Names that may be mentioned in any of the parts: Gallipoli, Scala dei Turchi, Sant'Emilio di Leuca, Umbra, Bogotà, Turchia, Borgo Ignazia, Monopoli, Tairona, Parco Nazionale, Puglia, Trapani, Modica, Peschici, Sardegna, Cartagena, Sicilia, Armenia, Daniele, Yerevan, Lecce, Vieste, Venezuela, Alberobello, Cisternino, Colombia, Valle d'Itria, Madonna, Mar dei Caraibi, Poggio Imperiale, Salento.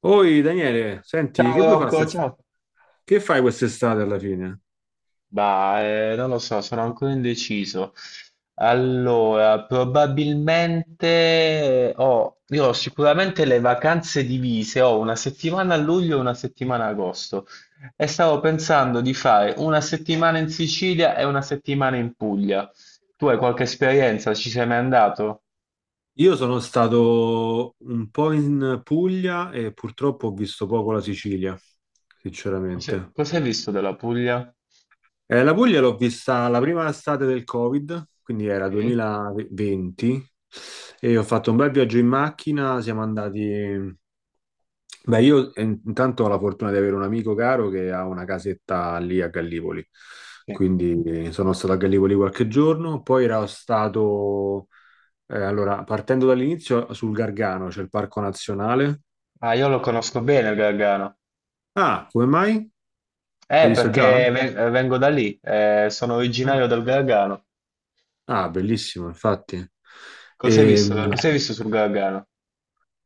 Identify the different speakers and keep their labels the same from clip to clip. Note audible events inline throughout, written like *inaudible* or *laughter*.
Speaker 1: Oi Daniele, senti,
Speaker 2: Ciao
Speaker 1: che vuoi fare?
Speaker 2: Rocco, ciao.
Speaker 1: Che fai quest'estate alla fine?
Speaker 2: Bah, non lo so, sono ancora indeciso. Allora, probabilmente io ho sicuramente le vacanze divise, ho una settimana a luglio e una settimana a agosto e stavo pensando di fare una settimana in Sicilia e una settimana in Puglia. Tu hai qualche esperienza? Ci sei mai andato?
Speaker 1: Io sono stato un po' in Puglia e purtroppo ho visto poco la Sicilia, sinceramente.
Speaker 2: Cosa hai visto della Puglia?
Speaker 1: La Puglia l'ho vista la prima estate del Covid, quindi era
Speaker 2: Sì.
Speaker 1: 2020, e ho fatto un bel viaggio in macchina, siamo andati. Beh, io intanto ho la fortuna di avere un amico caro che ha una casetta lì a Gallipoli,
Speaker 2: Sì.
Speaker 1: quindi sono stato a Gallipoli qualche giorno, poi ero stato, allora, partendo dall'inizio, sul Gargano, c'è il Parco Nazionale.
Speaker 2: Ah, io lo conosco bene il Gargano.
Speaker 1: Ah, come mai? L'hai visto già?
Speaker 2: Perché vengo da lì, sono
Speaker 1: Ah,
Speaker 2: originario del Gargano.
Speaker 1: ah, bellissimo, infatti.
Speaker 2: Cos'hai
Speaker 1: E,
Speaker 2: visto?
Speaker 1: mh,
Speaker 2: Cos'hai visto sul Gargano?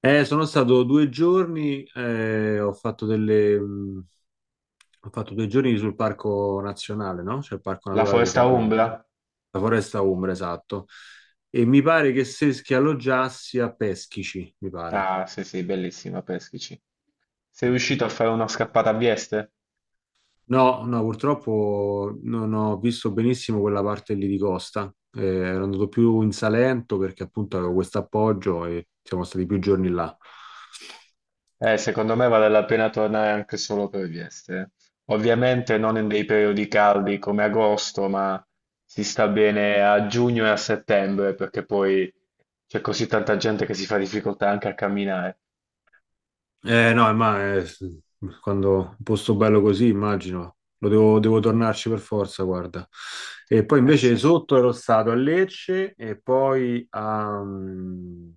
Speaker 1: sono stato due giorni, ho fatto delle. Ho fatto due giorni sul Parco Nazionale, no? C'è il Parco
Speaker 2: La
Speaker 1: Naturale del
Speaker 2: foresta
Speaker 1: Gargano.
Speaker 2: Umbra?
Speaker 1: La foresta Umbra, esatto. E mi pare che se che alloggiassi a Peschici, mi pare.
Speaker 2: Ah, sì, sì, bellissima, peschici. Sei
Speaker 1: Sì.
Speaker 2: riuscito a fare una scappata a Vieste?
Speaker 1: No, no, purtroppo non ho visto benissimo quella parte lì di costa. Ero andato più in Salento perché appunto avevo questo appoggio e siamo stati più giorni là.
Speaker 2: Secondo me vale la pena tornare anche solo per Vieste, eh. Ovviamente non in dei periodi caldi come agosto, ma si sta bene a giugno e a settembre, perché poi c'è così tanta gente che si fa difficoltà anche a camminare.
Speaker 1: Eh no, ma quando un posto bello così, immagino, lo devo, devo tornarci per forza, guarda. E poi
Speaker 2: Eh
Speaker 1: invece
Speaker 2: sì.
Speaker 1: sotto ero stato a Lecce e poi a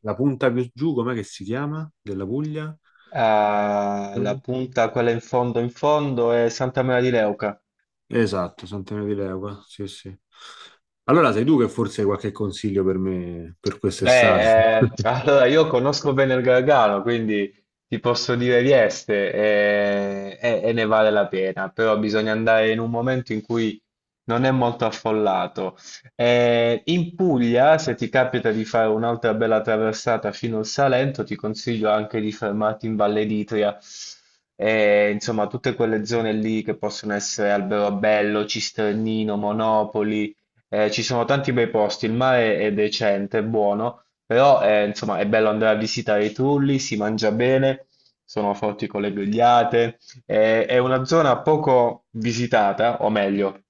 Speaker 1: la punta più giù, com'è che si chiama? Della Puglia?
Speaker 2: Ah, la punta, quella in fondo, è Santa Maria di Leuca.
Speaker 1: Esatto, Sant'Emilio di Leuca, sì, sì. Allora sei tu che forse hai qualche consiglio per me per quest'estate?
Speaker 2: Beh,
Speaker 1: *laughs*
Speaker 2: allora io conosco bene il Gargano, quindi ti posso dire Vieste e ne vale la pena, però bisogna andare in un momento in cui non è molto affollato. In Puglia, se ti capita di fare un'altra bella traversata fino al Salento, ti consiglio anche di fermarti in Valle d'Itria. Insomma tutte quelle zone lì che possono essere Alberobello, Cisternino, Monopoli. Ci sono tanti bei posti, il mare è decente, è buono, però insomma è bello andare a visitare i trulli, si mangia bene, sono forti con le grigliate, è una zona poco visitata, o meglio,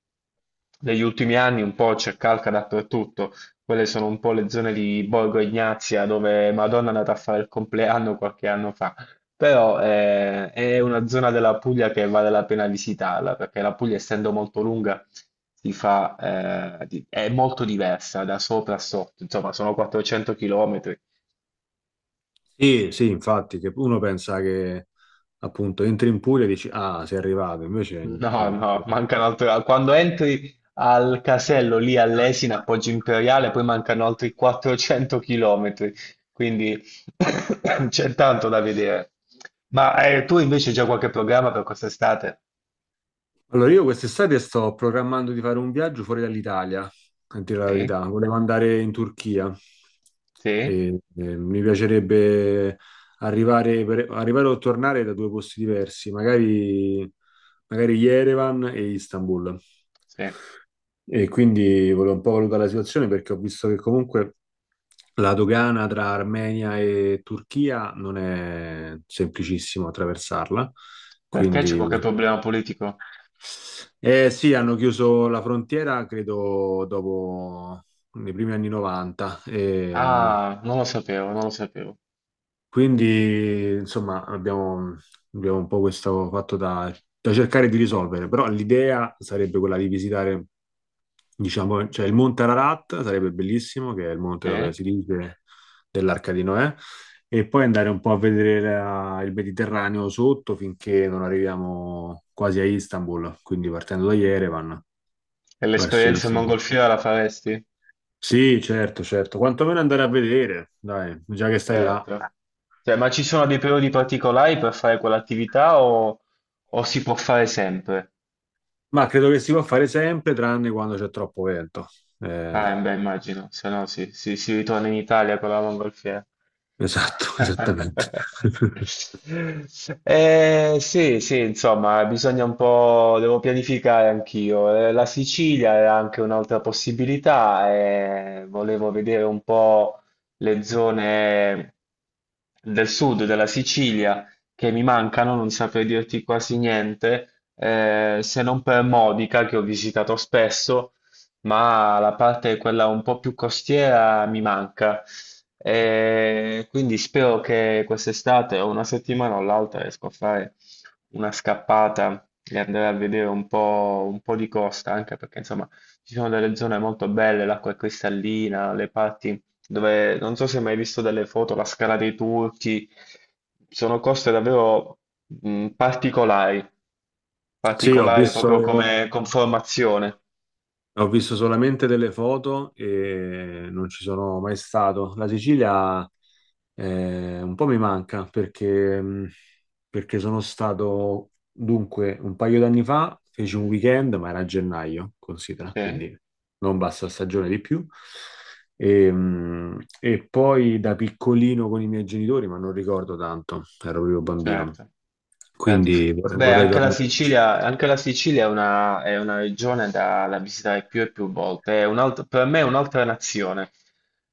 Speaker 2: negli ultimi anni un po' c'è calca dappertutto, quelle sono un po' le zone di Borgo Ignazia dove Madonna è andata a fare il compleanno qualche anno fa. Però è una zona della Puglia che vale la pena visitarla, perché la Puglia, essendo molto lunga, si fa, è molto diversa da sopra a sotto, insomma, sono 400 km.
Speaker 1: Sì, sì, infatti, che uno pensa che appunto entri in Puglia e dici, ah, sei arrivato, invece...
Speaker 2: No,
Speaker 1: ma-
Speaker 2: no, mancano altri. Quando entri al casello lì all'Esina, a Poggio Imperiale, poi mancano altri 400 km, quindi *coughs* c'è tanto da vedere. Ma tu invece hai già qualche programma per quest'estate?
Speaker 1: Allora, io quest'estate sto programmando di fare un viaggio fuori dall'Italia, a dire la
Speaker 2: Sì,
Speaker 1: verità. Volevo andare in Turchia
Speaker 2: sì,
Speaker 1: e mi piacerebbe arrivare o tornare da due posti diversi, magari, magari Yerevan e Istanbul.
Speaker 2: sì.
Speaker 1: E quindi volevo un po' valutare la situazione perché ho visto che comunque la dogana tra Armenia e Turchia non è semplicissimo attraversarla,
Speaker 2: Perché c'è
Speaker 1: quindi
Speaker 2: qualche problema politico?
Speaker 1: sì, hanno chiuso la frontiera credo dopo nei primi anni 90,
Speaker 2: Ah, non lo sapevo, non lo sapevo.
Speaker 1: quindi insomma abbiamo un po' questo fatto da cercare di risolvere, però l'idea sarebbe quella di visitare. Diciamo, c'è il Monte Ararat, sarebbe bellissimo, che è il monte
Speaker 2: Eh?
Speaker 1: dove si dice dell'Arca di Noè, e poi andare un po' a vedere il Mediterraneo sotto finché non arriviamo quasi a Istanbul, quindi partendo da Yerevan
Speaker 2: E
Speaker 1: verso
Speaker 2: l'esperienza in
Speaker 1: Istanbul.
Speaker 2: mongolfiera la faresti?
Speaker 1: Sì, certo, certo, quantomeno andare a vedere, dai, già che stai là.
Speaker 2: Certo. Cioè, ma ci sono dei periodi particolari per fare quell'attività o si può fare sempre?
Speaker 1: Ma credo che si può fare sempre, tranne quando c'è troppo vento. Eh,
Speaker 2: Ah, beh, immagino, se no sì, si ritorna in Italia con la mongolfiera.
Speaker 1: esatto, *laughs* esattamente.
Speaker 2: *laughs*
Speaker 1: *laughs*
Speaker 2: Sì, sì, insomma, bisogna un po', devo pianificare anch'io. La Sicilia è anche un'altra possibilità e volevo vedere un po' le zone del sud della Sicilia che mi mancano, non saprei dirti quasi niente, se non per Modica che ho visitato spesso, ma la parte quella un po' più costiera mi manca. E quindi spero che quest'estate o una settimana o l'altra riesco a fare una scappata e andare a vedere un po' di costa, anche perché insomma ci sono delle zone molto belle, l'acqua è cristallina, le parti dove, non so se hai mai visto delle foto, la Scala dei Turchi, sono coste davvero particolari,
Speaker 1: Sì, ho
Speaker 2: particolari
Speaker 1: visto,
Speaker 2: proprio come conformazione.
Speaker 1: ho visto solamente delle foto e non ci sono mai stato. La Sicilia un po' mi manca perché perché sono stato, dunque, un paio d'anni fa, feci un weekend, ma era a gennaio, considera,
Speaker 2: Sì.
Speaker 1: quindi non bassa stagione di più. E poi da piccolino con i miei genitori, ma non ricordo tanto, ero proprio bambino,
Speaker 2: Certo, certo.
Speaker 1: quindi vorrei
Speaker 2: Beh,
Speaker 1: vorrei tornarci.
Speaker 2: Anche la Sicilia è è una regione da visitare più e più volte. Per me è un'altra nazione,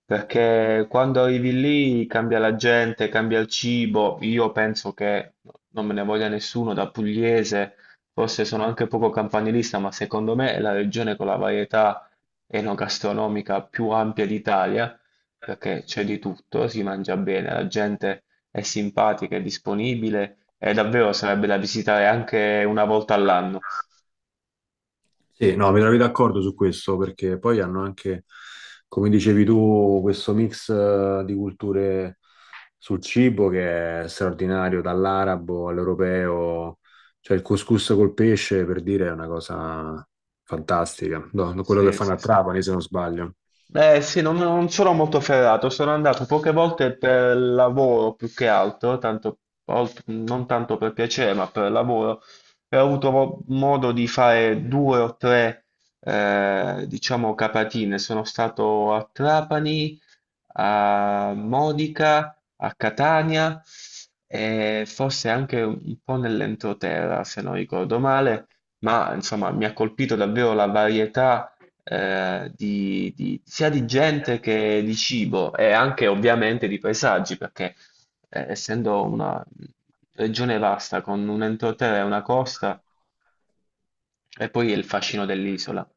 Speaker 2: perché quando arrivi lì cambia la gente, cambia il cibo. Io penso che non me ne voglia nessuno da pugliese, forse sono anche poco campanilista, ma secondo me è la regione con la varietà enogastronomica più ampia d'Italia, perché c'è di tutto, si mangia bene, la gente è simpatica, è disponibile e davvero sarebbe da visitare anche una volta all'anno.
Speaker 1: Sì, no, mi trovi d'accordo su questo perché poi hanno anche, come dicevi tu, questo mix di culture sul cibo che è straordinario, dall'arabo all'europeo, cioè il couscous col pesce per dire è una cosa fantastica. No, no, quello che
Speaker 2: Sì,
Speaker 1: fanno
Speaker 2: sì,
Speaker 1: a
Speaker 2: sì.
Speaker 1: Trapani se non sbaglio.
Speaker 2: Eh sì, non sono molto ferrato, sono andato poche volte per lavoro più che altro, tanto, non tanto per piacere, ma per lavoro, e ho avuto modo di fare due o tre, diciamo, capatine. Sono stato a Trapani, a Modica, a Catania e forse anche un po' nell'entroterra, se non ricordo male, ma insomma mi ha colpito davvero la varietà sia di gente che di cibo e anche ovviamente di paesaggi, perché essendo una regione vasta con un entroterra e una costa, e poi il fascino dell'isola.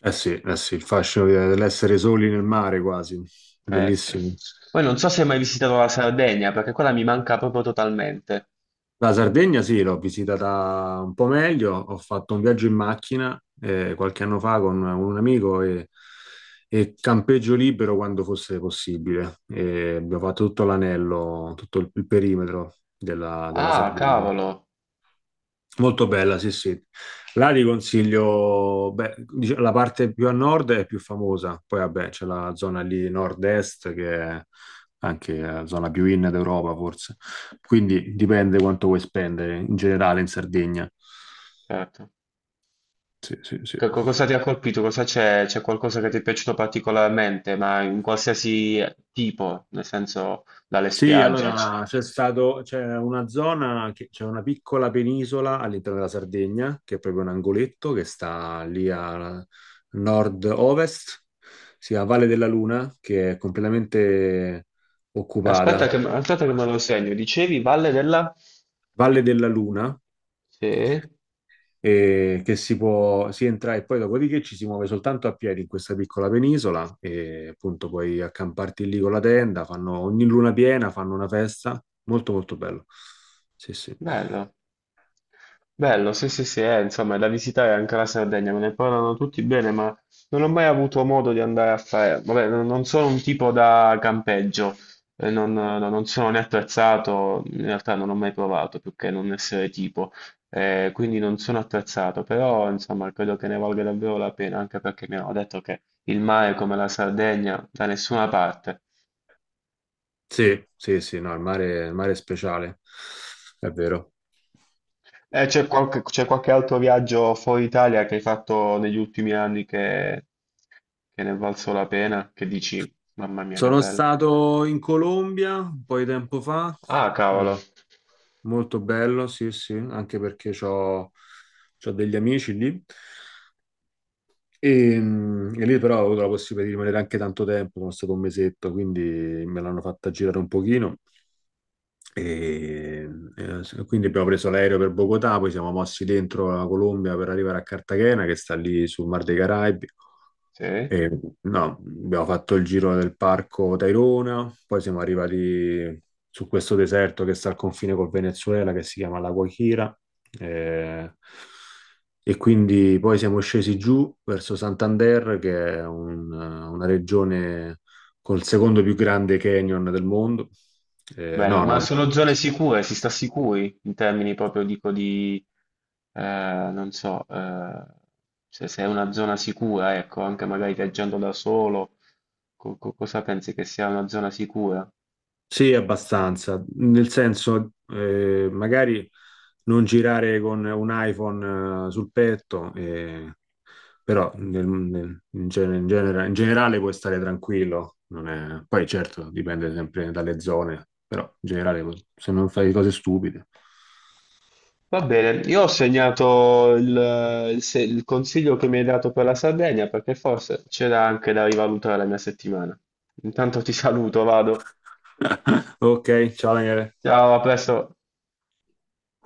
Speaker 1: Sì, eh sì, il fascino dell'essere soli nel mare quasi,
Speaker 2: Sì.
Speaker 1: bellissimo.
Speaker 2: Poi non so se hai mai visitato la Sardegna, perché quella mi manca proprio totalmente.
Speaker 1: La Sardegna sì, l'ho visitata un po' meglio, ho fatto un viaggio in macchina qualche anno fa con un amico e campeggio libero quando fosse possibile. E abbiamo fatto tutto l'anello, tutto il perimetro della
Speaker 2: Ah,
Speaker 1: Sardegna.
Speaker 2: cavolo,
Speaker 1: Molto bella, sì, sì. Là ti consiglio, beh, la parte più a nord è più famosa, poi vabbè c'è la zona lì nord-est che è anche la zona più in d'Europa forse, quindi dipende quanto vuoi spendere in generale in Sardegna.
Speaker 2: certo.
Speaker 1: Sì, sì, sì.
Speaker 2: Cosa ti ha colpito? Cosa c'è? C'è qualcosa che ti è piaciuto particolarmente, ma in qualsiasi tipo, nel senso dalle
Speaker 1: Sì,
Speaker 2: spiagge?
Speaker 1: allora c'è stato, c'è una zona, c'è una piccola penisola all'interno della Sardegna, che è proprio un angoletto che sta lì a nord-ovest, si chiama Valle della Luna, che è completamente occupata.
Speaker 2: Aspetta che me lo segno. Dicevi Valle della...
Speaker 1: Valle della Luna,
Speaker 2: Sì,
Speaker 1: e che si può, si entra e poi dopodiché ci si muove soltanto a piedi in questa piccola penisola e appunto puoi accamparti lì con la tenda, fanno ogni luna piena, fanno una festa, molto molto bello. Sì, sì.
Speaker 2: bello. Bello, sì, sì, sì, insomma, da visitare anche la Sardegna, me ne parlano tutti bene, ma non ho mai avuto modo di andare a fare... Vabbè, non sono un tipo da campeggio, non sono né attrezzato, in realtà non ho mai provato, più che non essere tipo, quindi non sono attrezzato, però insomma, credo che ne valga davvero la pena, anche perché mi hanno detto che il mare come la Sardegna da nessuna parte.
Speaker 1: Sì, sì, sì, no, il mare è speciale, è vero.
Speaker 2: C'è qualche altro viaggio fuori Italia che hai fatto negli ultimi anni che ne è valso la pena? Che dici, mamma mia, che
Speaker 1: Sono
Speaker 2: bello.
Speaker 1: stato in Colombia un po' di tempo fa,
Speaker 2: Ah, cavolo.
Speaker 1: eh, molto bello, sì, sì, anche perché ho degli amici lì. E lì però ho avuto la possibilità di rimanere anche tanto tempo, sono stato un mesetto, quindi me l'hanno fatta girare un pochino. E, quindi abbiamo preso l'aereo per Bogotà, poi siamo mossi dentro la Colombia per arrivare a Cartagena, che sta lì sul Mar dei Caraibi.
Speaker 2: Sì,
Speaker 1: E, no, abbiamo fatto il giro del parco Tairona, poi siamo arrivati su questo deserto che sta al confine col Venezuela, che si chiama La Guajira. eh, e quindi poi siamo scesi giù verso Santander, che è una regione col secondo più grande canyon del mondo.
Speaker 2: bello.
Speaker 1: No,
Speaker 2: Ma
Speaker 1: no.
Speaker 2: sono zone sicure, si sta sicuri in termini proprio, dico, di, non so, se è una zona sicura, ecco, anche magari viaggiando da solo, cosa pensi che sia una zona sicura?
Speaker 1: Sì, abbastanza, nel senso, magari non girare con un iPhone sul petto, però in generale puoi stare tranquillo, non è- poi certo dipende sempre dalle zone, però in generale se non fai cose stupide.
Speaker 2: Va bene, io ho segnato il se- il consiglio che mi hai dato per la Sardegna perché forse c'era anche da rivalutare la mia settimana. Intanto ti saluto, vado.
Speaker 1: *laughs* Ok, ciao Daniele.
Speaker 2: Ciao, a presto.